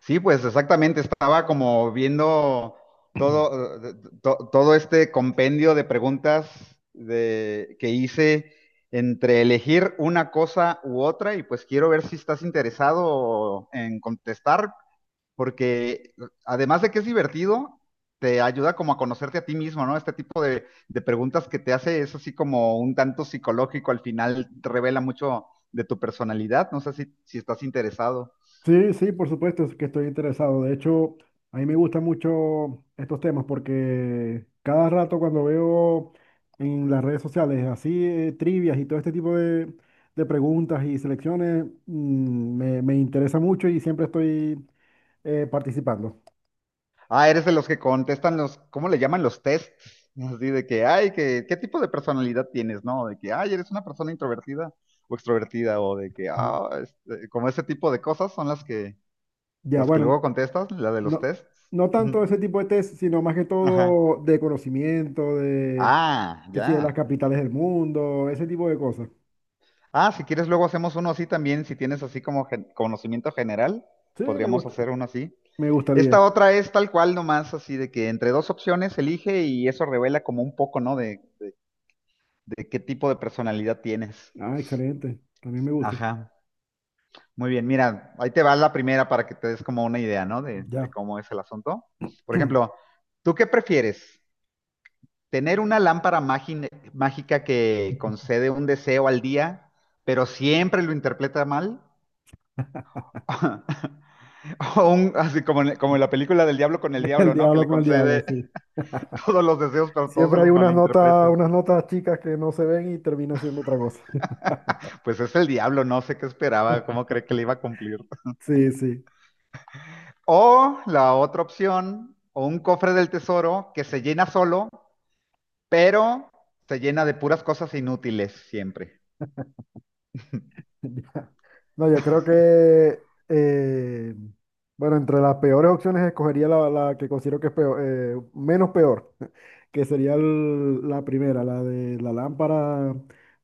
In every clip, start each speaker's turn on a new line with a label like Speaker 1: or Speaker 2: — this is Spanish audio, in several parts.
Speaker 1: Sí, pues exactamente, estaba como viendo todo, todo este compendio de preguntas que hice entre elegir una cosa u otra y pues quiero ver si estás interesado en contestar, porque además de que es divertido, te ayuda como a conocerte a ti mismo, ¿no? Este tipo de preguntas que te hace es así como un tanto psicológico, al final te revela mucho de tu personalidad, no sé si estás interesado.
Speaker 2: Sí, sí, por supuesto es que estoy interesado. De hecho, a mí me gustan mucho estos temas porque cada rato cuando veo en las redes sociales así trivias y todo este tipo de preguntas y selecciones, me interesa mucho y siempre estoy participando.
Speaker 1: Ah, eres de los que contestan los, ¿cómo le llaman los tests? Así de ay, ¿qué tipo de personalidad tienes, no? De que, ay, eres una persona introvertida o extrovertida, o de que,
Speaker 2: Ujú.
Speaker 1: ah, este, como ese tipo de cosas son las que,
Speaker 2: Ya,
Speaker 1: las que
Speaker 2: bueno,
Speaker 1: luego contestas, la de los
Speaker 2: no,
Speaker 1: tests.
Speaker 2: no tanto
Speaker 1: Ujú.
Speaker 2: ese tipo de test, sino más que
Speaker 1: Ajá.
Speaker 2: todo de conocimiento, de
Speaker 1: Ah,
Speaker 2: que si de las
Speaker 1: ya.
Speaker 2: capitales del mundo, ese tipo de cosas.
Speaker 1: Ah, si quieres luego hacemos uno así también, si tienes así como conocimiento general,
Speaker 2: Sí, me
Speaker 1: podríamos
Speaker 2: gusta,
Speaker 1: hacer uno así.
Speaker 2: me
Speaker 1: Esta
Speaker 2: gustaría.
Speaker 1: otra es tal cual nomás, así de que entre dos opciones elige y eso revela como un poco, ¿no? De qué tipo de personalidad tienes.
Speaker 2: Ah, excelente. También me gusta.
Speaker 1: Ajá. Muy bien, mira, ahí te va la primera para que te des como una idea, ¿no? De
Speaker 2: Ya.
Speaker 1: cómo es el asunto. Por ejemplo, ¿tú qué prefieres? ¿Tener una lámpara mágica que concede un deseo al día, pero siempre lo interpreta mal? ¿O un, así como en, como en la película del diablo con el
Speaker 2: El
Speaker 1: diablo, ¿no? Que
Speaker 2: diablo
Speaker 1: le
Speaker 2: con el diablo,
Speaker 1: concede
Speaker 2: sí.
Speaker 1: todos los deseos, pero todos se
Speaker 2: Siempre hay
Speaker 1: los malinterpreta?
Speaker 2: unas notas chicas que no se ven y termina siendo otra cosa.
Speaker 1: Pues es el diablo, no sé qué esperaba, cómo cree que le iba a cumplir.
Speaker 2: Sí, sí.
Speaker 1: O la otra opción, o un cofre del tesoro que se llena solo, pero se llena de puras cosas inútiles siempre.
Speaker 2: Ya. No, yo creo que, bueno, entre las peores opciones escogería la que considero que es peor, menos peor, que sería la primera, la de la lámpara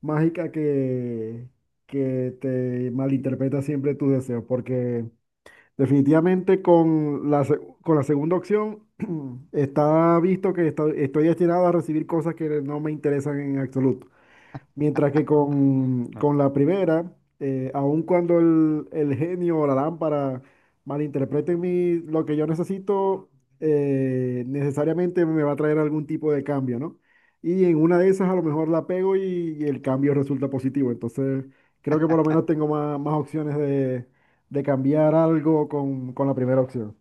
Speaker 2: mágica que te malinterpreta siempre tus deseos, porque definitivamente con con la segunda opción está visto que estoy destinado a recibir cosas que no me interesan en absoluto. Mientras que con la primera, aun cuando el genio o la lámpara malinterpreten lo que yo necesito, necesariamente me va a traer algún tipo de cambio, ¿no? Y en una de esas a lo mejor la pego y el cambio resulta positivo. Entonces, creo que por lo menos tengo más, más opciones de cambiar algo con la primera opción.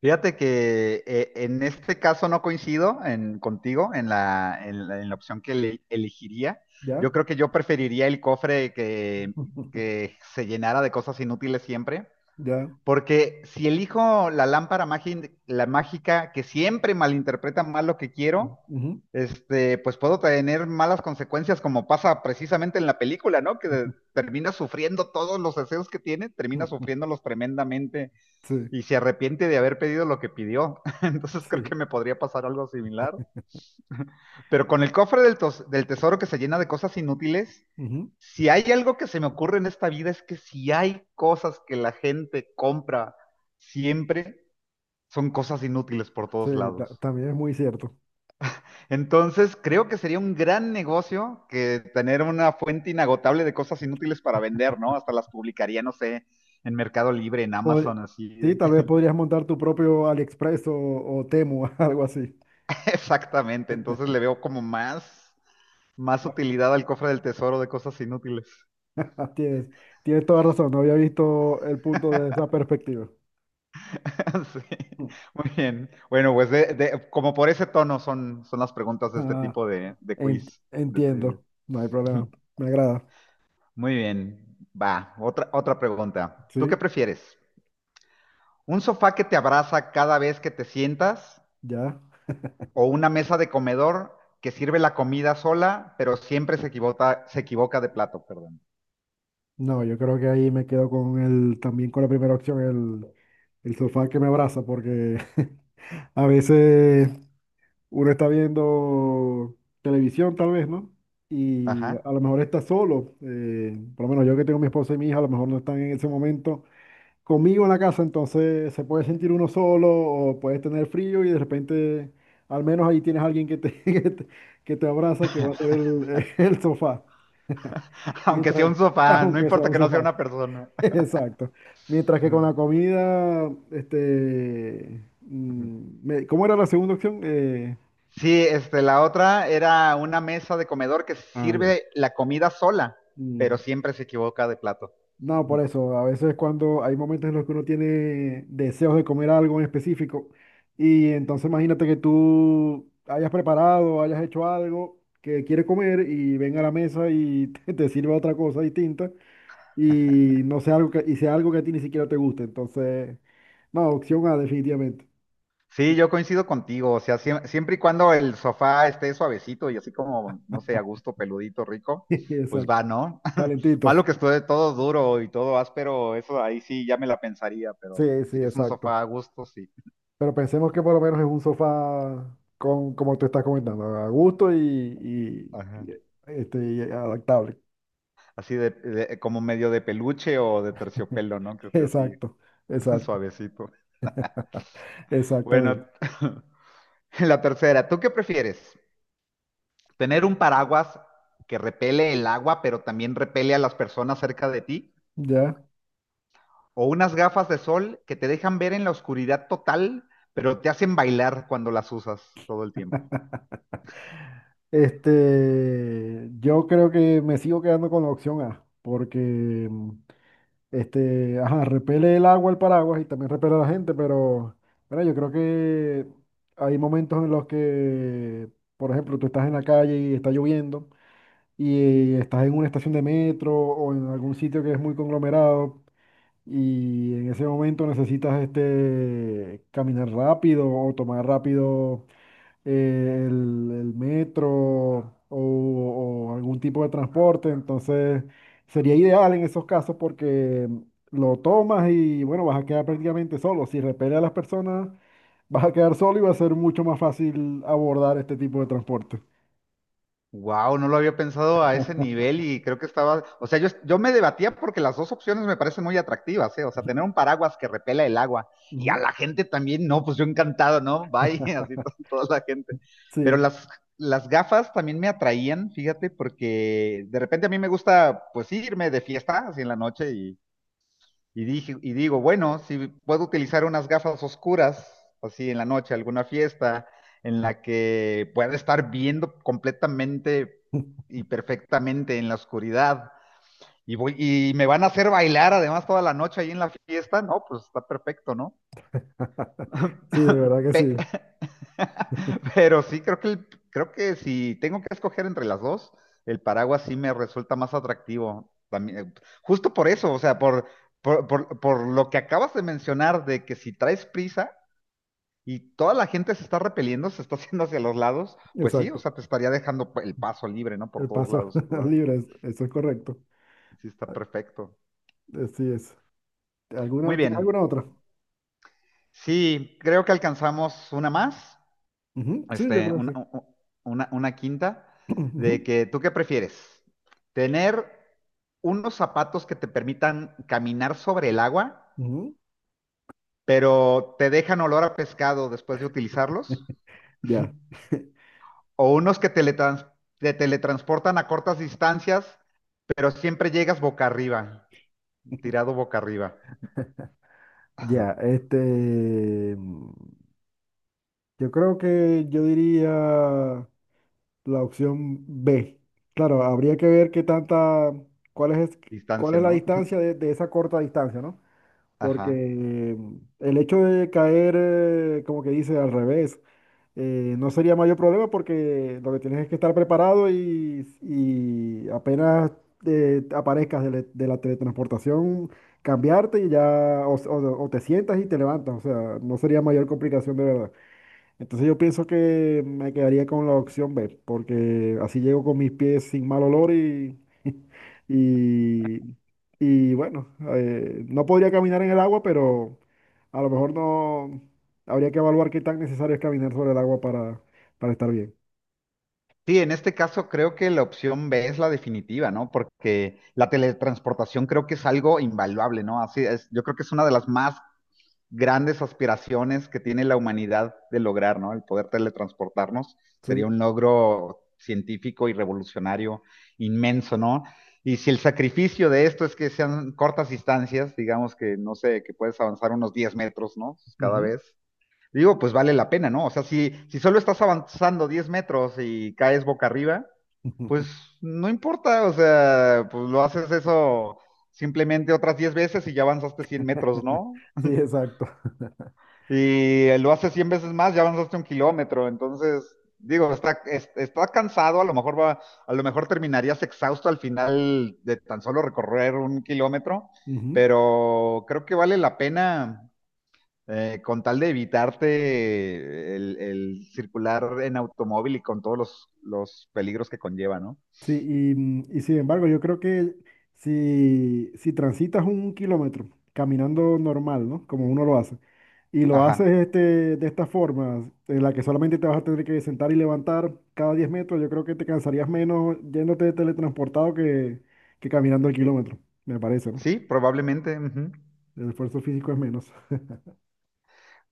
Speaker 1: Fíjate que en este caso no coincido contigo en la opción elegiría.
Speaker 2: ¿Ya?
Speaker 1: Yo creo que yo preferiría el cofre que, que se llenara de cosas inútiles siempre.
Speaker 2: ¿Ya?
Speaker 1: Porque si elijo la lámpara la mágica que siempre malinterpreta mal lo que quiero,
Speaker 2: Ujú.
Speaker 1: este, pues puedo tener malas consecuencias como pasa precisamente en la película, ¿no? Que termina sufriendo todos los deseos que tiene, termina sufriéndolos tremendamente
Speaker 2: Sí,
Speaker 1: y se arrepiente de haber pedido lo que pidió. Entonces creo
Speaker 2: sí.
Speaker 1: que me podría pasar algo similar. Pero con el cofre del tesoro que se llena de cosas inútiles,
Speaker 2: Ujú.
Speaker 1: si hay algo que se me ocurre en esta vida es que si hay cosas que la gente compra siempre, son cosas inútiles por
Speaker 2: Sí,
Speaker 1: todos lados.
Speaker 2: también es muy cierto.
Speaker 1: Entonces, creo que sería un gran negocio que tener una fuente inagotable de cosas inútiles para vender, ¿no? Hasta las publicaría, no sé, en Mercado Libre, en
Speaker 2: pod-
Speaker 1: Amazon, así.
Speaker 2: sí, tal vez podrías montar tu propio AliExpress o Temu, algo así.
Speaker 1: Exactamente. Entonces le veo como más, más utilidad al cofre del tesoro de cosas inútiles.
Speaker 2: Tienes, tienes toda razón, no había visto el punto desde esa perspectiva.
Speaker 1: Sí, muy bien. Bueno, pues como por ese tono son, son las preguntas de este
Speaker 2: Ah,
Speaker 1: tipo de quiz, de trivia.
Speaker 2: entiendo, no hay problema, me agrada.
Speaker 1: Muy bien, va, otra, otra pregunta. ¿Tú qué
Speaker 2: Sí,
Speaker 1: prefieres? ¿Un sofá que te abraza cada vez que te sientas
Speaker 2: ya.
Speaker 1: o una mesa de comedor que sirve la comida sola, pero siempre se equivoca de plato, perdón?
Speaker 2: No, yo creo que ahí me quedo con también con la primera opción, el sofá que me abraza, porque a veces uno está viendo televisión tal vez, ¿no? Y a lo
Speaker 1: Ajá.
Speaker 2: mejor está solo. Por lo menos yo que tengo mi esposa y mi hija, a lo mejor no están en ese momento conmigo en la casa, entonces se puede sentir uno solo o puedes tener frío y de repente al menos ahí tienes a alguien que te abraza, que va a ser el sofá.
Speaker 1: Aunque sea
Speaker 2: Mientras,
Speaker 1: un sofá, no
Speaker 2: aunque sea
Speaker 1: importa
Speaker 2: un
Speaker 1: que no sea
Speaker 2: sofá.
Speaker 1: una persona.
Speaker 2: Exacto. Mientras que con la comida, este,
Speaker 1: Mm.
Speaker 2: ¿cómo era la segunda opción?
Speaker 1: Sí, este, la otra era una mesa de comedor que
Speaker 2: Ah, ya.
Speaker 1: sirve la comida sola, pero
Speaker 2: Mm,
Speaker 1: siempre se equivoca de plato.
Speaker 2: no, por
Speaker 1: Ujú.
Speaker 2: eso, a veces cuando hay momentos en los que uno tiene deseos de comer algo en específico y entonces imagínate que tú hayas preparado, hayas hecho algo que quiere comer y venga a la mesa y te sirva otra cosa distinta y no sea algo que, y sea algo que a ti ni siquiera te guste. Entonces, no, opción A definitivamente.
Speaker 1: Sí, yo coincido contigo, o sea, siempre y cuando el sofá esté suavecito y así como, no sé, a gusto, peludito, rico, pues
Speaker 2: Exacto,
Speaker 1: va, ¿no? Malo
Speaker 2: calentito.
Speaker 1: que esté todo duro y todo áspero, eso ahí sí ya me la pensaría, pero
Speaker 2: Sí,
Speaker 1: si
Speaker 2: sí,
Speaker 1: es un
Speaker 2: exacto.
Speaker 1: sofá a gusto, sí.
Speaker 2: Pero pensemos que por lo menos es un sofá con, como tú estás comentando, a gusto y,
Speaker 1: Ajá.
Speaker 2: este, y adaptable.
Speaker 1: Así de, como medio de peluche o de terciopelo, ¿no? Que esté así
Speaker 2: Exacto, exacto,
Speaker 1: suavecito. Bueno,
Speaker 2: exactamente.
Speaker 1: la tercera, ¿tú qué prefieres? ¿Tener un paraguas que repele el agua, pero también repele a las personas cerca de ti?
Speaker 2: Ya.
Speaker 1: ¿O unas gafas de sol que te dejan ver en la oscuridad total, pero te hacen bailar cuando las usas todo el tiempo?
Speaker 2: Este, yo creo que me sigo quedando con la opción A, porque este, ajá, repele el agua el paraguas y también repele a la gente, pero bueno, yo creo que hay momentos en los que, por ejemplo, tú estás en la calle y está lloviendo y estás en una estación de metro o en algún sitio que es muy conglomerado y en ese momento necesitas este, caminar rápido o tomar rápido el metro o algún tipo de transporte, entonces sería ideal en esos casos porque lo tomas y bueno, vas a quedar prácticamente solo. Si repele a las personas, vas a quedar solo y va a ser mucho más fácil abordar este tipo de transporte.
Speaker 1: Wow, no lo había pensado a ese nivel y creo que estaba, o sea, yo me debatía porque las dos opciones me parecen muy atractivas, ¿eh? O sea, tener un paraguas que repela el agua y a
Speaker 2: Ujú,
Speaker 1: la gente también, no, pues yo encantado, ¿no? Bye, así toda la gente. Pero
Speaker 2: sí.
Speaker 1: las gafas también me atraían, fíjate, porque de repente a mí me gusta, pues irme de fiesta, así en la noche y, dije, y digo, bueno, si puedo utilizar unas gafas oscuras, así en la noche, alguna fiesta, en la que pueda estar viendo completamente y perfectamente en la oscuridad, y, voy, y me van a hacer bailar además toda la noche ahí en la fiesta, no, pues está perfecto, ¿no?
Speaker 2: Sí, de verdad que
Speaker 1: Pe-
Speaker 2: sí.
Speaker 1: Pero sí, creo que, creo que si tengo que escoger entre las dos, el paraguas sí me resulta más atractivo. También, justo por eso, o sea, por lo que acabas de mencionar de que si traes prisa y toda la gente se está repeliendo, se está haciendo hacia los lados, pues sí, o
Speaker 2: Exacto.
Speaker 1: sea, te estaría dejando el paso libre, ¿no? Por
Speaker 2: El
Speaker 1: todos
Speaker 2: paso
Speaker 1: lados.
Speaker 2: libre, eso es correcto.
Speaker 1: Sí, está perfecto.
Speaker 2: Así es.
Speaker 1: Muy
Speaker 2: ¿Alguna, ¿tienes
Speaker 1: bien.
Speaker 2: alguna otra?
Speaker 1: Sí, creo que alcanzamos una más.
Speaker 2: Ujú, sí, yo
Speaker 1: Este,
Speaker 2: creo que sí.
Speaker 1: una quinta, de
Speaker 2: Ujú,
Speaker 1: que tú qué prefieres, tener unos zapatos que te permitan caminar sobre el agua,
Speaker 2: ujú.
Speaker 1: pero te dejan olor a pescado después de utilizarlos,
Speaker 2: Ya.
Speaker 1: o unos que te teletransportan a cortas distancias, pero siempre llegas boca arriba, tirado boca arriba,
Speaker 2: Ya, este, yo creo que yo diría la opción B. Claro, habría que ver qué tanta, cuál es, cuál
Speaker 1: distancia,
Speaker 2: es la
Speaker 1: ¿no?
Speaker 2: distancia de esa corta distancia, ¿no? Porque
Speaker 1: Ajá.
Speaker 2: el hecho de caer, como que dice, al revés no sería mayor problema porque lo que tienes es que estar preparado y apenas aparezcas de la teletransportación, cambiarte y ya, o, o te sientas y te levantas, o sea, no sería mayor complicación de verdad. Entonces yo pienso que me quedaría con la opción B, porque así llego con mis pies sin mal olor y, y, y bueno, no podría caminar en el agua, pero a lo mejor no habría que evaluar qué tan necesario es caminar sobre el agua para estar bien.
Speaker 1: Sí, en este caso creo que la opción B es la definitiva, ¿no? Porque la teletransportación creo que es algo invaluable, ¿no? Así es, yo creo que es una de las más grandes aspiraciones que tiene la humanidad de lograr, ¿no? El poder teletransportarnos sería
Speaker 2: Sí,
Speaker 1: un logro científico y revolucionario inmenso, ¿no? Y si el sacrificio de esto es que sean cortas distancias, digamos que no sé, que puedes avanzar unos 10 metros, ¿no? Cada
Speaker 2: ujú.
Speaker 1: vez, digo, pues vale la pena, ¿no? O sea, si solo estás avanzando 10 metros y caes boca arriba, pues no importa, o sea, pues lo haces eso simplemente otras 10 veces y ya avanzaste 100 metros, ¿no?
Speaker 2: Sí, exacto.
Speaker 1: Y lo haces 100 veces más, ya avanzaste un kilómetro, entonces, digo, está, está cansado, a lo mejor va, a lo mejor terminarías exhausto al final de tan solo recorrer un kilómetro,
Speaker 2: Ujú.
Speaker 1: pero creo que vale la pena con tal de evitarte circular en automóvil y con todos los peligros que conlleva, ¿no?
Speaker 2: Sí, y, y sin embargo, yo creo que si, si transitas un kilómetro caminando normal, ¿no? Como uno lo hace, y lo haces
Speaker 1: Ajá.
Speaker 2: este, de esta forma, en la que solamente te vas a tener que sentar y levantar cada 10 metros, yo creo que te cansarías menos yéndote de teletransportado que caminando el kilómetro, me parece, ¿no?
Speaker 1: Sí, probablemente. Ujú.
Speaker 2: El esfuerzo físico es menos.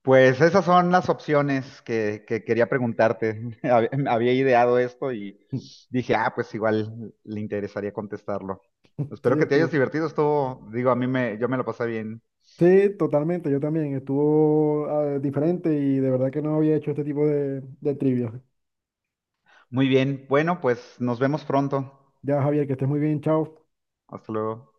Speaker 1: Pues esas son las opciones que quería preguntarte. Había ideado esto y dije, ah, pues igual le interesaría contestarlo.
Speaker 2: Sí,
Speaker 1: Espero que te hayas
Speaker 2: estuvo.
Speaker 1: divertido. Esto, digo, a mí me, yo me lo pasé bien.
Speaker 2: Sí, totalmente, yo también. Estuvo diferente y de verdad que no había hecho este tipo de trivia.
Speaker 1: Muy bien. Bueno, pues nos vemos pronto.
Speaker 2: Ya, Javier, que estés muy bien, chao.
Speaker 1: Hasta luego.